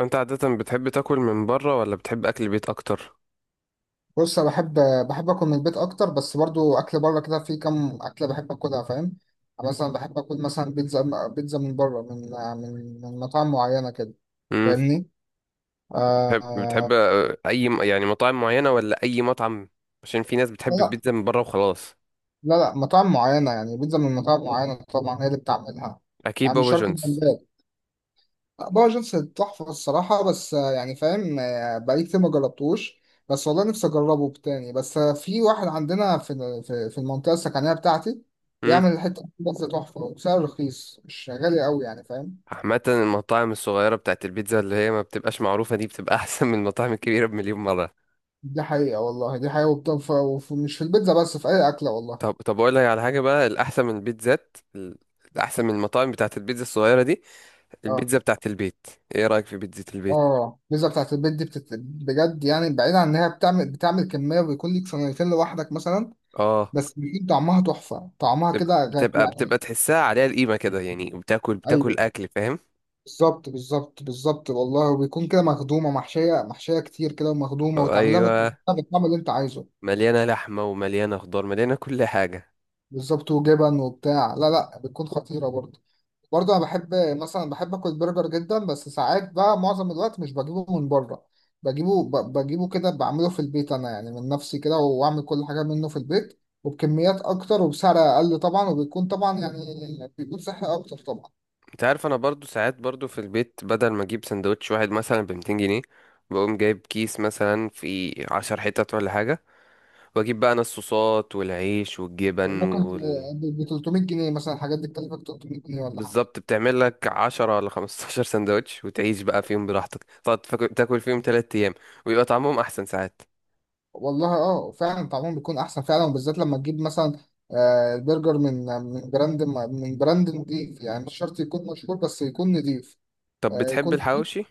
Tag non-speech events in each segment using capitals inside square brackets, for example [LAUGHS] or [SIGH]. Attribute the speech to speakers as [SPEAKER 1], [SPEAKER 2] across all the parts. [SPEAKER 1] انت عادة بتحب تاكل من بره ولا بتحب اكل البيت اكتر؟
[SPEAKER 2] بص انا بحب اكل من البيت اكتر بس برضو اكل بره كده في كام اكله بحب اكلها فاهم. أنا مثلا بحب اكل مثلا بيتزا من بره من مطاعم معينه كده.
[SPEAKER 1] امم
[SPEAKER 2] فاهمني؟
[SPEAKER 1] بتحب
[SPEAKER 2] آه.
[SPEAKER 1] اي يعني مطاعم معينة ولا اي مطعم؟ عشان في ناس بتحب
[SPEAKER 2] لا،
[SPEAKER 1] البيتزا من بره وخلاص.
[SPEAKER 2] لا مطاعم معينه، يعني بيتزا من مطاعم معينه طبعا هي اللي بتعملها،
[SPEAKER 1] اكيد
[SPEAKER 2] يعني مش
[SPEAKER 1] بابا
[SPEAKER 2] شرط
[SPEAKER 1] جونز.
[SPEAKER 2] البلد. باور جيمس تحفة الصراحة، بس يعني فاهم، بقالي كتير ما جربتوش، بس والله نفسي أجربه تاني، بس في واحد عندنا في المنطقة السكنية بتاعتي
[SPEAKER 1] امم
[SPEAKER 2] بيعمل الحتة دي بس تحفة وسعر رخيص، مش غالي قوي، يعني فاهم.
[SPEAKER 1] عامة المطاعم الصغيرة بتاعت البيتزا اللي هي ما بتبقاش معروفة دي بتبقى [LAUGHS] احسن من المطاعم الكبيرة بمليون مرة.
[SPEAKER 2] دي حقيقة والله، دي حقيقة، مش في البيتزا بس، في أي أكلة والله.
[SPEAKER 1] طب اقول لك على حاجة بقى، الاحسن من المطاعم بتاعت البيتزا الصغيرة دي،
[SPEAKER 2] اه.
[SPEAKER 1] البيتزا بتاعت البيت. ايه رأيك في بيتزا البيت؟
[SPEAKER 2] اه، البيتزا بتاعت البيت دي بجد يعني، بعيد عن إنها بتعمل كمية وبيكون ليك صينيتين لوحدك مثلا،
[SPEAKER 1] اه،
[SPEAKER 2] بس بيكون طعمها تحفة، طعمها
[SPEAKER 1] بتبقى
[SPEAKER 2] كده غير
[SPEAKER 1] بتبقى بتبقى
[SPEAKER 2] يعني.
[SPEAKER 1] تحسها عليها القيمة كده، يعني بتاكل
[SPEAKER 2] أيوه،
[SPEAKER 1] اكل، فاهم.
[SPEAKER 2] بالظبط بالظبط والله، وبيكون كده مخدومة، محشية كتير كده، ومخدومة وتعملها
[SPEAKER 1] ايوه،
[SPEAKER 2] بالطعم اللي انت عايزه.
[SPEAKER 1] مليانه لحمه ومليانه خضار، مليانه كل حاجه.
[SPEAKER 2] بالظبط، وجبن وبتاع، لا لا، بتكون خطيرة برضه. برضه انا بحب مثلا، بحب اكل برجر جدا، بس ساعات بقى معظم الوقت مش بجيبه من بره، بجيبه بجيبه كده، بعمله في البيت انا يعني من نفسي كده، واعمل كل حاجة منه في البيت وبكميات اكتر وبسعر اقل طبعا، وبيكون طبعا يعني بيكون صحي اكتر طبعا.
[SPEAKER 1] انت عارف، انا برضو ساعات برضو في البيت، بدل ما اجيب سندوتش واحد مثلا ب 200 جنيه، بقوم جايب كيس مثلا في 10 حتت ولا حاجه، واجيب بقى انا الصوصات والعيش والجبن
[SPEAKER 2] ممكن،
[SPEAKER 1] وال...
[SPEAKER 2] ب 300 جنيه مثلا الحاجات دي بتكلفك 300 جنيه ولا حاجة.
[SPEAKER 1] بالظبط، بتعمل لك 10 ولا 15 سندوتش وتعيش بقى فيهم براحتك، تقعد تاكل فيهم 3 ايام ويبقى طعمهم احسن ساعات.
[SPEAKER 2] والله اه فعلا طعمهم بيكون احسن فعلا، وبالذات لما تجيب مثلا برجر من براند، من براند نضيف، يعني مش شرط يكون مشهور بس يكون نضيف.
[SPEAKER 1] طب بتحب
[SPEAKER 2] يكون نضيف.
[SPEAKER 1] الحواوشي؟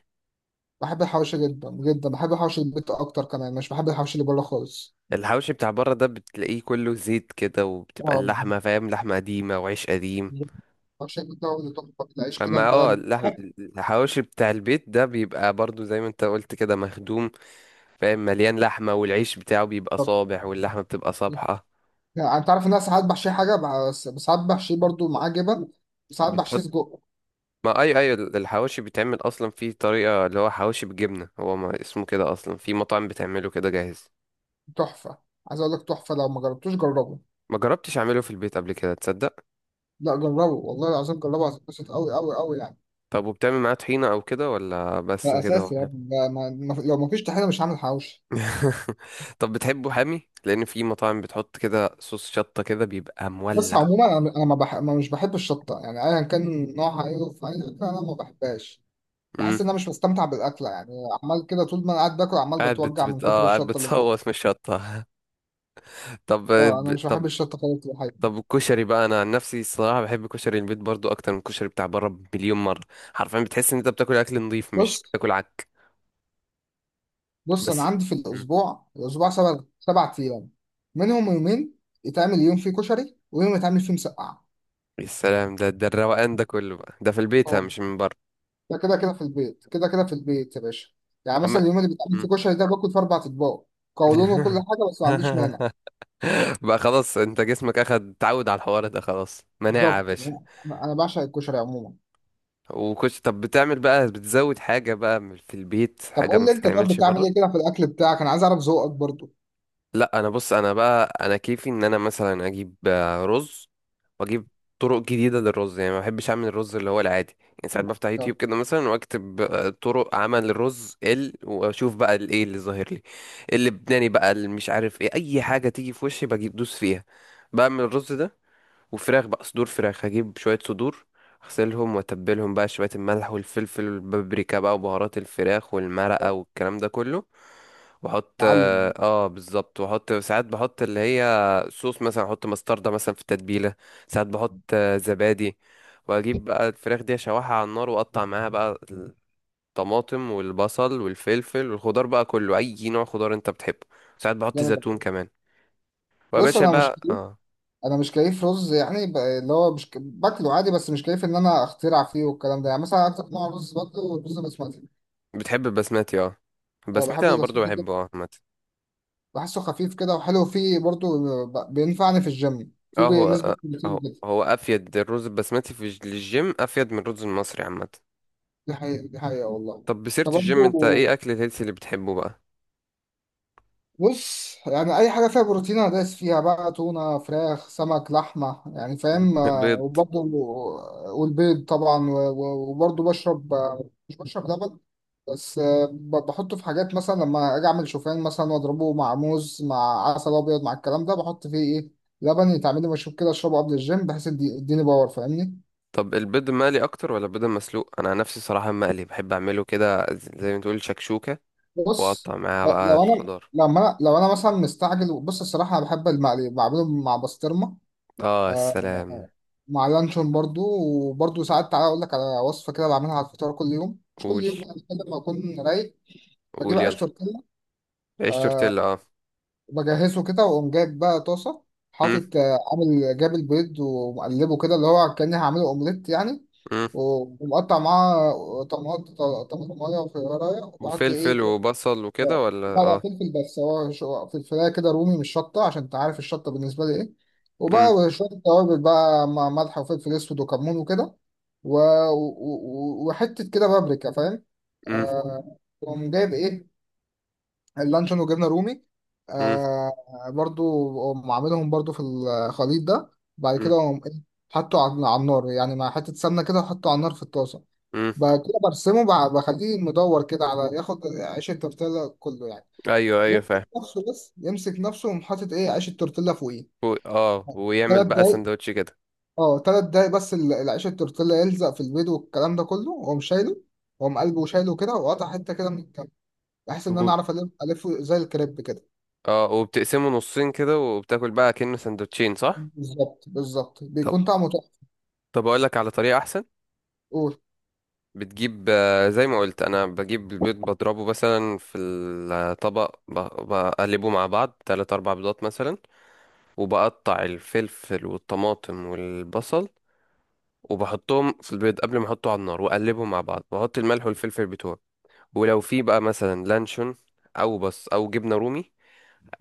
[SPEAKER 2] بحب الحواوشي جدا جدا، بحب الحواوشي البيت اكتر كمان، مش بحب الحواوشي اللي بره خالص.
[SPEAKER 1] الحواوشي بتاع بره ده بتلاقيه كله زيت كده، وبتبقى
[SPEAKER 2] اه،
[SPEAKER 1] اللحمه، فاهم، لحمه قديمه وعيش قديم.
[SPEAKER 2] الحواوشي البيت ده هو اللي تحفه، العيش كده
[SPEAKER 1] اما
[SPEAKER 2] البلد.
[SPEAKER 1] اللحم، الحواوشي بتاع البيت ده بيبقى برضو زي ما انت قلت كده مخدوم، فاهم، مليان لحمة والعيش بتاعه بيبقى
[SPEAKER 2] طب،
[SPEAKER 1] صابح واللحمة بتبقى صابحة.
[SPEAKER 2] يعني انت عارف ان انا ساعات بحشيه حاجه، بس ساعات بحشيه برضو معاه جبن، وساعات بحشيه
[SPEAKER 1] بتحط؟
[SPEAKER 2] سجق.
[SPEAKER 1] ما اي الحواوشي بيتعمل اصلا في طريقة اللي هو حواوشي بالجبنة، هو ما اسمه كده اصلا، في مطاعم بتعمله كده جاهز.
[SPEAKER 2] تحفه، عايز اقول لك تحفه، لو ما جربتوش جربه.
[SPEAKER 1] ما جربتش اعمله في البيت قبل كده، تصدق؟
[SPEAKER 2] لا جربه والله العظيم، جربه هتتبسط قوي قوي قوي يعني.
[SPEAKER 1] طب وبتعمل معاه طحينة او كده ولا بس
[SPEAKER 2] ده
[SPEAKER 1] كده هو
[SPEAKER 2] اساسي يا
[SPEAKER 1] حامي؟
[SPEAKER 2] ابني، ده ما... ما... لو ما فيش طحينه مش هعمل حواوشي.
[SPEAKER 1] [LAUGHS] طب بتحبه حامي لان في مطاعم بتحط كده صوص شطة كده بيبقى
[SPEAKER 2] بس
[SPEAKER 1] مولع.
[SPEAKER 2] عموما انا ما, بح... ما مش بحب الشطه، يعني ايا كان نوعها ايه في اي اكله انا ما بحبهاش، بحس ان انا مش مستمتع بالاكله يعني. عمال كده طول ما انا قاعد باكل، عمال
[SPEAKER 1] قاعد بت
[SPEAKER 2] بتوجع من
[SPEAKER 1] بت
[SPEAKER 2] كتر
[SPEAKER 1] اه قاعد
[SPEAKER 2] الشطه اللي في بقي.
[SPEAKER 1] بتصوت من الشطة. [LAUGHS] طب
[SPEAKER 2] اه، انا
[SPEAKER 1] ب-
[SPEAKER 2] مش
[SPEAKER 1] طب
[SPEAKER 2] بحب الشطه خالص في الحقيقه.
[SPEAKER 1] طب الكشري بقى، انا عن نفسي الصراحة بحب كشري البيت برضو اكتر من الكشري بتاع بره بمليون مرة. حرفيا بتحس ان انت بتاكل اكل نظيف، مش
[SPEAKER 2] بص،
[SPEAKER 1] بتاكل عك.
[SPEAKER 2] انا
[SPEAKER 1] بس.
[SPEAKER 2] عندي في
[SPEAKER 1] مم.
[SPEAKER 2] الاسبوع، سبع ايام منهم يومين يتعمل يوم فيه كشري ويوم يتعمل فيه مسقعه.
[SPEAKER 1] يا سلام، ده الروقان ده كله بقى ده في البيت، ها، مش من بره.
[SPEAKER 2] ده كده كده في البيت كده كده في البيت يا باشا. يعني
[SPEAKER 1] عم...
[SPEAKER 2] مثلا اليوم اللي بتعمل
[SPEAKER 1] مم.
[SPEAKER 2] فيه كشري ده، باكل في اربع اطباق. قولون وكل حاجه، بس ما عنديش مانع.
[SPEAKER 1] [LAUGHS] بقى خلاص، انت جسمك اخد تعود على الحوار ده، خلاص مناعة يا
[SPEAKER 2] بالظبط.
[SPEAKER 1] باشا.
[SPEAKER 2] انا، أنا بعشق الكشري عموما.
[SPEAKER 1] طب بتعمل بقى، بتزود حاجة بقى في البيت
[SPEAKER 2] طب
[SPEAKER 1] حاجة
[SPEAKER 2] قول
[SPEAKER 1] ما
[SPEAKER 2] لي انت، طب
[SPEAKER 1] بتتعملش
[SPEAKER 2] بتعمل
[SPEAKER 1] بره؟
[SPEAKER 2] ايه كده في الاكل بتاعك، انا عايز اعرف ذوقك برضو.
[SPEAKER 1] لا، انا بص، انا بقى، انا كيفي ان انا مثلا اجيب رز، واجيب طرق جديده للرز، يعني ما بحبش اعمل الرز اللي هو العادي، يعني ساعات بفتح
[SPEAKER 2] يا
[SPEAKER 1] يوتيوب كده مثلا واكتب طرق عمل الرز ال واشوف بقى الايه اللي ظاهر لي اللبناني بقى اللي مش عارف ايه، اي حاجه تيجي في وشي بجيب دوس فيها، بعمل الرز ده، وفراخ بقى، صدور فراخ، هجيب شويه صدور، اغسلهم واتبلهم بقى شويه، الملح والفلفل والبابريكا بقى وبهارات الفراخ والمرقه والكلام ده كله، واحط
[SPEAKER 2] معلم.
[SPEAKER 1] بالظبط، واحط ساعات بحط اللي هي صوص، مثلا احط مستردة مثلا في التتبيلة، ساعات بحط زبادي، واجيب بقى الفراخ دي اشوحها على النار واقطع معاها بقى الطماطم والبصل والفلفل والخضار بقى كله، اي نوع خضار انت بتحبه، ساعات بحط
[SPEAKER 2] جامد.
[SPEAKER 1] زيتون كمان، ويا
[SPEAKER 2] بص
[SPEAKER 1] باشا
[SPEAKER 2] انا مش
[SPEAKER 1] بقى
[SPEAKER 2] كيف،
[SPEAKER 1] اه.
[SPEAKER 2] رز يعني، اللي هو مش باكله عادي، بس مش كيف ان انا اخترع فيه والكلام ده، يعني مثلا اكتر نوع رز باكله رز بسمتي.
[SPEAKER 1] بتحب البسمتي؟ اه،
[SPEAKER 2] أه،
[SPEAKER 1] البسمتي
[SPEAKER 2] بحب
[SPEAKER 1] انا برضو
[SPEAKER 2] البسمتي
[SPEAKER 1] بحبه
[SPEAKER 2] جدا،
[SPEAKER 1] عامة.
[SPEAKER 2] بحسه خفيف كده وحلو فيه، برضو بينفعني في الجيم، فيه
[SPEAKER 1] اه،
[SPEAKER 2] نسبه بروتين
[SPEAKER 1] هو
[SPEAKER 2] كده.
[SPEAKER 1] هو افيد الرز البسمتي في للجيم افيد من الرز المصري عامة.
[SPEAKER 2] دي حقيقة، دي حقيقة والله.
[SPEAKER 1] طب بسيرة
[SPEAKER 2] طب
[SPEAKER 1] الجيم، انت
[SPEAKER 2] برضه،
[SPEAKER 1] ايه اكل الهيلثي اللي بتحبه بقى؟
[SPEAKER 2] بص يعني أي حاجة فيها بروتين أنا دايس فيها بقى، تونة، فراخ، سمك، لحمة، يعني فاهم،
[SPEAKER 1] بيض.
[SPEAKER 2] وبرضه والبيض طبعا وبرضه بشرب، مش بشرب لبن، بس بحطه في حاجات، مثلا لما أجي أعمل شوفان مثلا وأضربه مع موز مع عسل أبيض مع الكلام ده، بحط فيه إيه، لبن، يتعمل لي مشروب كده أشربه قبل الجيم بحيث يديني باور، فاهمني.
[SPEAKER 1] طب البيض المقلي اكتر ولا البيض المسلوق؟ انا عن نفسي صراحه المقلي بحب اعمله كده زي ما تقول شكشوكه،
[SPEAKER 2] بص،
[SPEAKER 1] واقطع معاها بقى الخضار.
[SPEAKER 2] لو انا مثلا مستعجل، بص الصراحه انا بحب المقلي اللي بعمله مع بسطرمه.
[SPEAKER 1] اه السلام.
[SPEAKER 2] آه، مع لانشون برضو. وبرضو ساعات تعالى اقول لك على وصفه كده بعملها على الفطار كل يوم، مش كل
[SPEAKER 1] قول،
[SPEAKER 2] يوم يعني، كده لما اكون رايق. بجيب
[SPEAKER 1] قول يلا.
[SPEAKER 2] عيش تورتيلا
[SPEAKER 1] عيش تورتيلا، اه.
[SPEAKER 2] وبجهزه كده، واقوم جايب بقى طاسه،
[SPEAKER 1] مم.
[SPEAKER 2] حاطط، عامل جاب البيض ومقلبه كده، اللي هو كاني هعمله اومليت يعني،
[SPEAKER 1] مم.
[SPEAKER 2] ومقطع معاه طماطم، طماطم ميه وخيارية، وبحط
[SPEAKER 1] وفلفل
[SPEAKER 2] ايه،
[SPEAKER 1] وبصل وكده
[SPEAKER 2] اه
[SPEAKER 1] ولا
[SPEAKER 2] بقى
[SPEAKER 1] اه.
[SPEAKER 2] فلفل، بس هو فلفلايه كده رومي مش شطه، عشان انت عارف الشطه بالنسبه لي ايه.
[SPEAKER 1] مم.
[SPEAKER 2] وبقى شويه توابل بقى مع ملح وفلفل اسود وكمون وكده، و... و... وحته كده بابريكا فاهم.
[SPEAKER 1] مم.
[SPEAKER 2] آه، وقوم جايب ايه، اللانشون وجبنه رومي.
[SPEAKER 1] مم.
[SPEAKER 2] آه برضو، قوم عاملهم برضو في الخليط ده. بعد
[SPEAKER 1] مم.
[SPEAKER 2] كده قوم ايه، حطه على النار، يعني مع حته سمنه كده، وحطه على النار في الطاسه.
[SPEAKER 1] مم.
[SPEAKER 2] بعد كده برسمه، بخليه مدور كده على ياخد عيش التورتيلا كله يعني،
[SPEAKER 1] ايوه ايوه، فاهم.
[SPEAKER 2] يمسك نفسه، بس يمسك نفسه، ومحطط ايه، عيش التورتيلا فوقيه
[SPEAKER 1] ويعمل
[SPEAKER 2] ثلاث
[SPEAKER 1] بقى
[SPEAKER 2] دقايق.
[SPEAKER 1] سندوتش كده.
[SPEAKER 2] اه ثلاث دقايق بس، العيش التورتيلا يلزق في البيض والكلام ده كله، واقوم شايله، واقوم قلبه وشايله كده، وقطع حته كده من الكم بحيث ان انا
[SPEAKER 1] و-
[SPEAKER 2] اعرف الف الفه زي الكريب كده.
[SPEAKER 1] اه وبتقسمه نصين كده وبتاكل بقى كأنه سندوتشين، صح؟
[SPEAKER 2] بالظبط، بالظبط،
[SPEAKER 1] طب
[SPEAKER 2] بيكون طعمه تحفه.
[SPEAKER 1] طب اقول لك على طريقه احسن.
[SPEAKER 2] قول.
[SPEAKER 1] بتجيب زي ما قلت، انا بجيب البيض بضربه مثلا في الطبق، بقلبه مع بعض، تلات اربع بيضات مثلا، وبقطع الفلفل والطماطم والبصل وبحطهم في البيض قبل ما احطه على النار، واقلبهم مع بعض واحط الملح والفلفل بتوعي. ولو في بقى مثلا لانشون او جبنه رومي،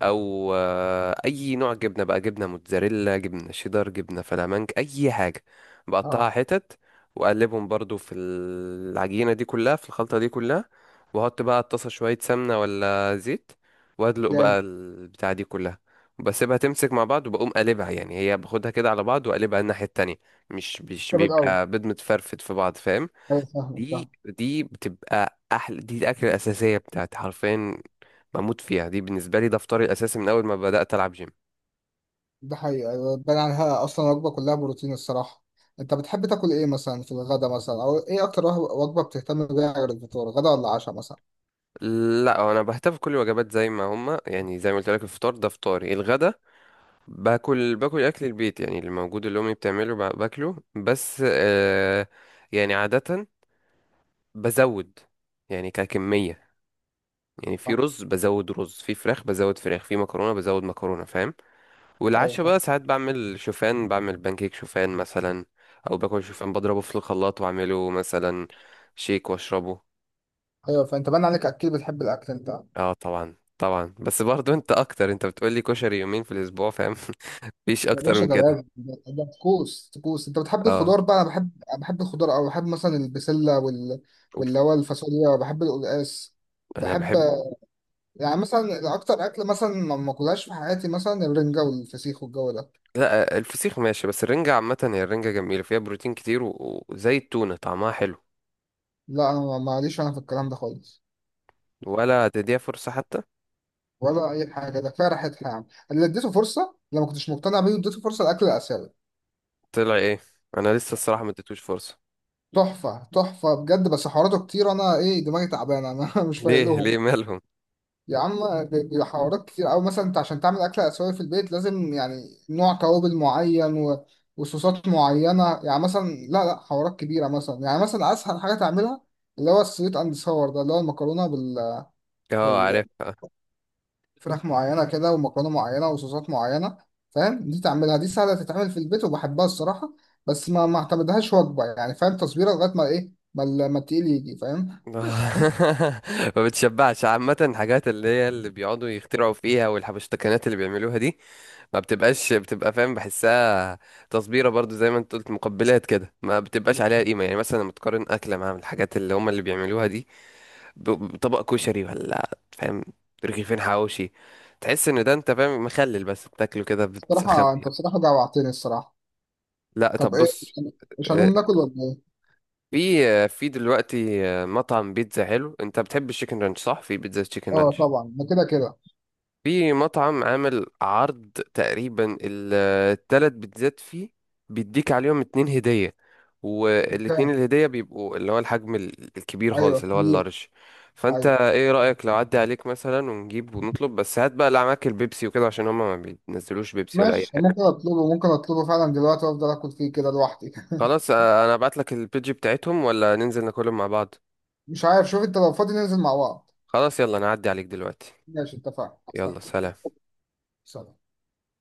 [SPEAKER 1] او اي نوع جبنه بقى، جبنه موتزاريلا، جبنه شيدر، جبنه فلامنك، اي حاجه، بقطعها
[SPEAKER 2] اه.
[SPEAKER 1] حتت واقلبهم برضو في العجينه دي كلها، في الخلطه دي كلها، واحط بقى على الطاسه شويه سمنه ولا زيت، وادلق
[SPEAKER 2] جامد.
[SPEAKER 1] بقى البتاع دي كلها وبسيبها تمسك مع بعض، وبقوم قلبها، يعني هي باخدها كده على بعض، وقلبها الناحيه التانية، مش
[SPEAKER 2] جامد قوي.
[SPEAKER 1] بيبقى بيض متفرفت في بعض، فاهم.
[SPEAKER 2] ايوه فاهمك، فاهم.
[SPEAKER 1] دي بتبقى احلى، دي الاكله الاساسيه بتاعتي حرفيا، بموت فيها دي، بالنسبة لي ده فطاري الأساسي من أول ما بدأت ألعب جيم.
[SPEAKER 2] ده حقيقي، أيوة، بان عنها اصلا، وجبه كلها بروتين الصراحه. انت بتحب تاكل ايه مثلا في الغدا مثلا، او ايه اكتر وجبه بتهتم بيها غير الفطار، غدا ولا عشاء مثلا؟
[SPEAKER 1] لا، أنا بهتف كل الوجبات زي ما هما، يعني زي ما قلت لك، الفطار ده فطاري. الغدا باكل أكل البيت، يعني اللي موجود، اللي أمي بتعمله باكله، بس آه، يعني عادة بزود، يعني ككمية، يعني
[SPEAKER 2] آه،
[SPEAKER 1] في رز بزود رز، في فراخ بزود فراخ، في مكرونة بزود مكرونة، فاهم.
[SPEAKER 2] ايوه
[SPEAKER 1] والعشاء
[SPEAKER 2] فاهم.
[SPEAKER 1] بقى ساعات بعمل شوفان، بعمل بانكيك شوفان مثلا، أو باكل شوفان بضربه في الخلاط وأعمله مثلا شيك وأشربه.
[SPEAKER 2] ايوه، فانت باين عليك اكيد بتحب الاكل انت.
[SPEAKER 1] اه طبعا طبعا، بس برضو انت اكتر، انت بتقولي كشري يومين في الاسبوع، فاهم. [LAUGHS] مفيش
[SPEAKER 2] يا
[SPEAKER 1] اكتر
[SPEAKER 2] باشا
[SPEAKER 1] من
[SPEAKER 2] ده
[SPEAKER 1] كده.
[SPEAKER 2] لازم، ده ده طقوس طقوس. انت بتحب
[SPEAKER 1] اه.
[SPEAKER 2] الخضار بقى؟ انا بحب، أنا بحب الخضار، او بحب مثلا البسله وال، واللي
[SPEAKER 1] أوف.
[SPEAKER 2] هو الفاصوليا، بحب القلقاس،
[SPEAKER 1] انا
[SPEAKER 2] بحب،
[SPEAKER 1] بحب.
[SPEAKER 2] يعني مثلا اكتر اكل مثلا ما اكلهاش في حياتي مثلا الرنجه والفسيخ والجو ده.
[SPEAKER 1] لا، الفسيخ ماشي، بس الرنجة عامة، هي الرنجة جميلة فيها بروتين كتير، وزي التونة طعمها حلو.
[SPEAKER 2] لا انا ماليش انا في الكلام ده خالص،
[SPEAKER 1] ولا تديها فرصة حتى؟
[SPEAKER 2] ولا اي حاجه، ده كفايه ريحتها يعني. اللي اديته فرصه لما كنتش مقتنع بيه، اديته فرصه، الاكل الاسيوي.
[SPEAKER 1] طلع ايه؟ انا لسه الصراحة ما اديتوش فرصة.
[SPEAKER 2] تحفه، تحفه بجد، بس حواراته كتير، انا ايه دماغي تعبانه انا [LAUGHS] مش
[SPEAKER 1] [LAUGHS]
[SPEAKER 2] فايق
[SPEAKER 1] ليه
[SPEAKER 2] لهم.
[SPEAKER 1] ليه مالهم؟
[SPEAKER 2] يا عم، بيبقى حوارات كتير أوي، مثلا أنت عشان تعمل أكلة آسيوية في البيت، لازم يعني نوع توابل معين وصوصات معينة يعني، مثلا لا حوارات كبيرة. مثلا يعني مثلا أسهل حاجة تعملها، اللي هو السويت أند ساور ده، اللي هو المكرونة
[SPEAKER 1] اه
[SPEAKER 2] بالفراخ،
[SPEAKER 1] عارف.
[SPEAKER 2] معينة كده، ومكرونة معينة وصوصات معينة، فاهم، دي تعملها، دي سهلة تتعمل في البيت وبحبها الصراحة، بس ما اعتمدهاش وجبة، يعني فاهم تصبيرة لغاية ما إيه، ما ال- ما التقيل يجي، فاهم.
[SPEAKER 1] [LAUGHS] ما بتشبعش عامة، الحاجات اللي هي اللي بيقعدوا يخترعوا فيها والحبشتكنات اللي بيعملوها دي ما بتبقاش، بتبقى، فاهم، بحسها تصبيرة برضو، زي ما انت قلت مقبلات كده، ما بتبقاش عليها قيمة، يعني مثلا لما تقارن أكلة مع الحاجات اللي هم اللي بيعملوها دي بطبق كشري ولا فاهم، رغيفين حواوشي، تحس ان ده، انت فاهم، مخلل بس بتاكله كده بتسخن
[SPEAKER 2] الصراحة
[SPEAKER 1] بيه.
[SPEAKER 2] أنت، الصراحة جوعتني الصراحة.
[SPEAKER 1] لا
[SPEAKER 2] طب
[SPEAKER 1] طب
[SPEAKER 2] إيه،
[SPEAKER 1] بص،
[SPEAKER 2] مش
[SPEAKER 1] آه،
[SPEAKER 2] هنقوم ناكل ولا إيه؟
[SPEAKER 1] في دلوقتي مطعم بيتزا حلو. انت بتحب الشيكن رانش؟ صح، في بيتزا تشيكن
[SPEAKER 2] اه
[SPEAKER 1] رانش،
[SPEAKER 2] طبعا، ده كده كده.
[SPEAKER 1] في مطعم عامل عرض تقريبا التلات بيتزات فيه بيديك عليهم اتنين هدية، والاتنين
[SPEAKER 2] كام؟
[SPEAKER 1] الهدية بيبقوا اللي هو الحجم الكبير
[SPEAKER 2] ايوه
[SPEAKER 1] خالص، اللي هو
[SPEAKER 2] كبير.
[SPEAKER 1] اللارج. فانت
[SPEAKER 2] ايوه
[SPEAKER 1] ايه رأيك لو عدى عليك مثلا ونجيب ونطلب؟ بس هات بقى اللي معاك البيبسي وكده، عشان هما ما بينزلوش بيبسي ولا اي
[SPEAKER 2] ماشي، ممكن
[SPEAKER 1] حاجة.
[SPEAKER 2] اطلبه، ممكن اطلبه فعلا دلوقتي، وافضل اكل فيه كده لوحدي [LAUGHS]
[SPEAKER 1] خلاص، انا ابعت لك البيج بتاعتهم ولا ننزل ناكلهم مع بعض؟
[SPEAKER 2] مش عارف، شوف انت لو فاضي ننزل مع بعض.
[SPEAKER 1] خلاص يلا، انا هعدي عليك دلوقتي.
[SPEAKER 2] ماشي، اتفقنا، استنى.
[SPEAKER 1] يلا سلام.
[SPEAKER 2] سلام.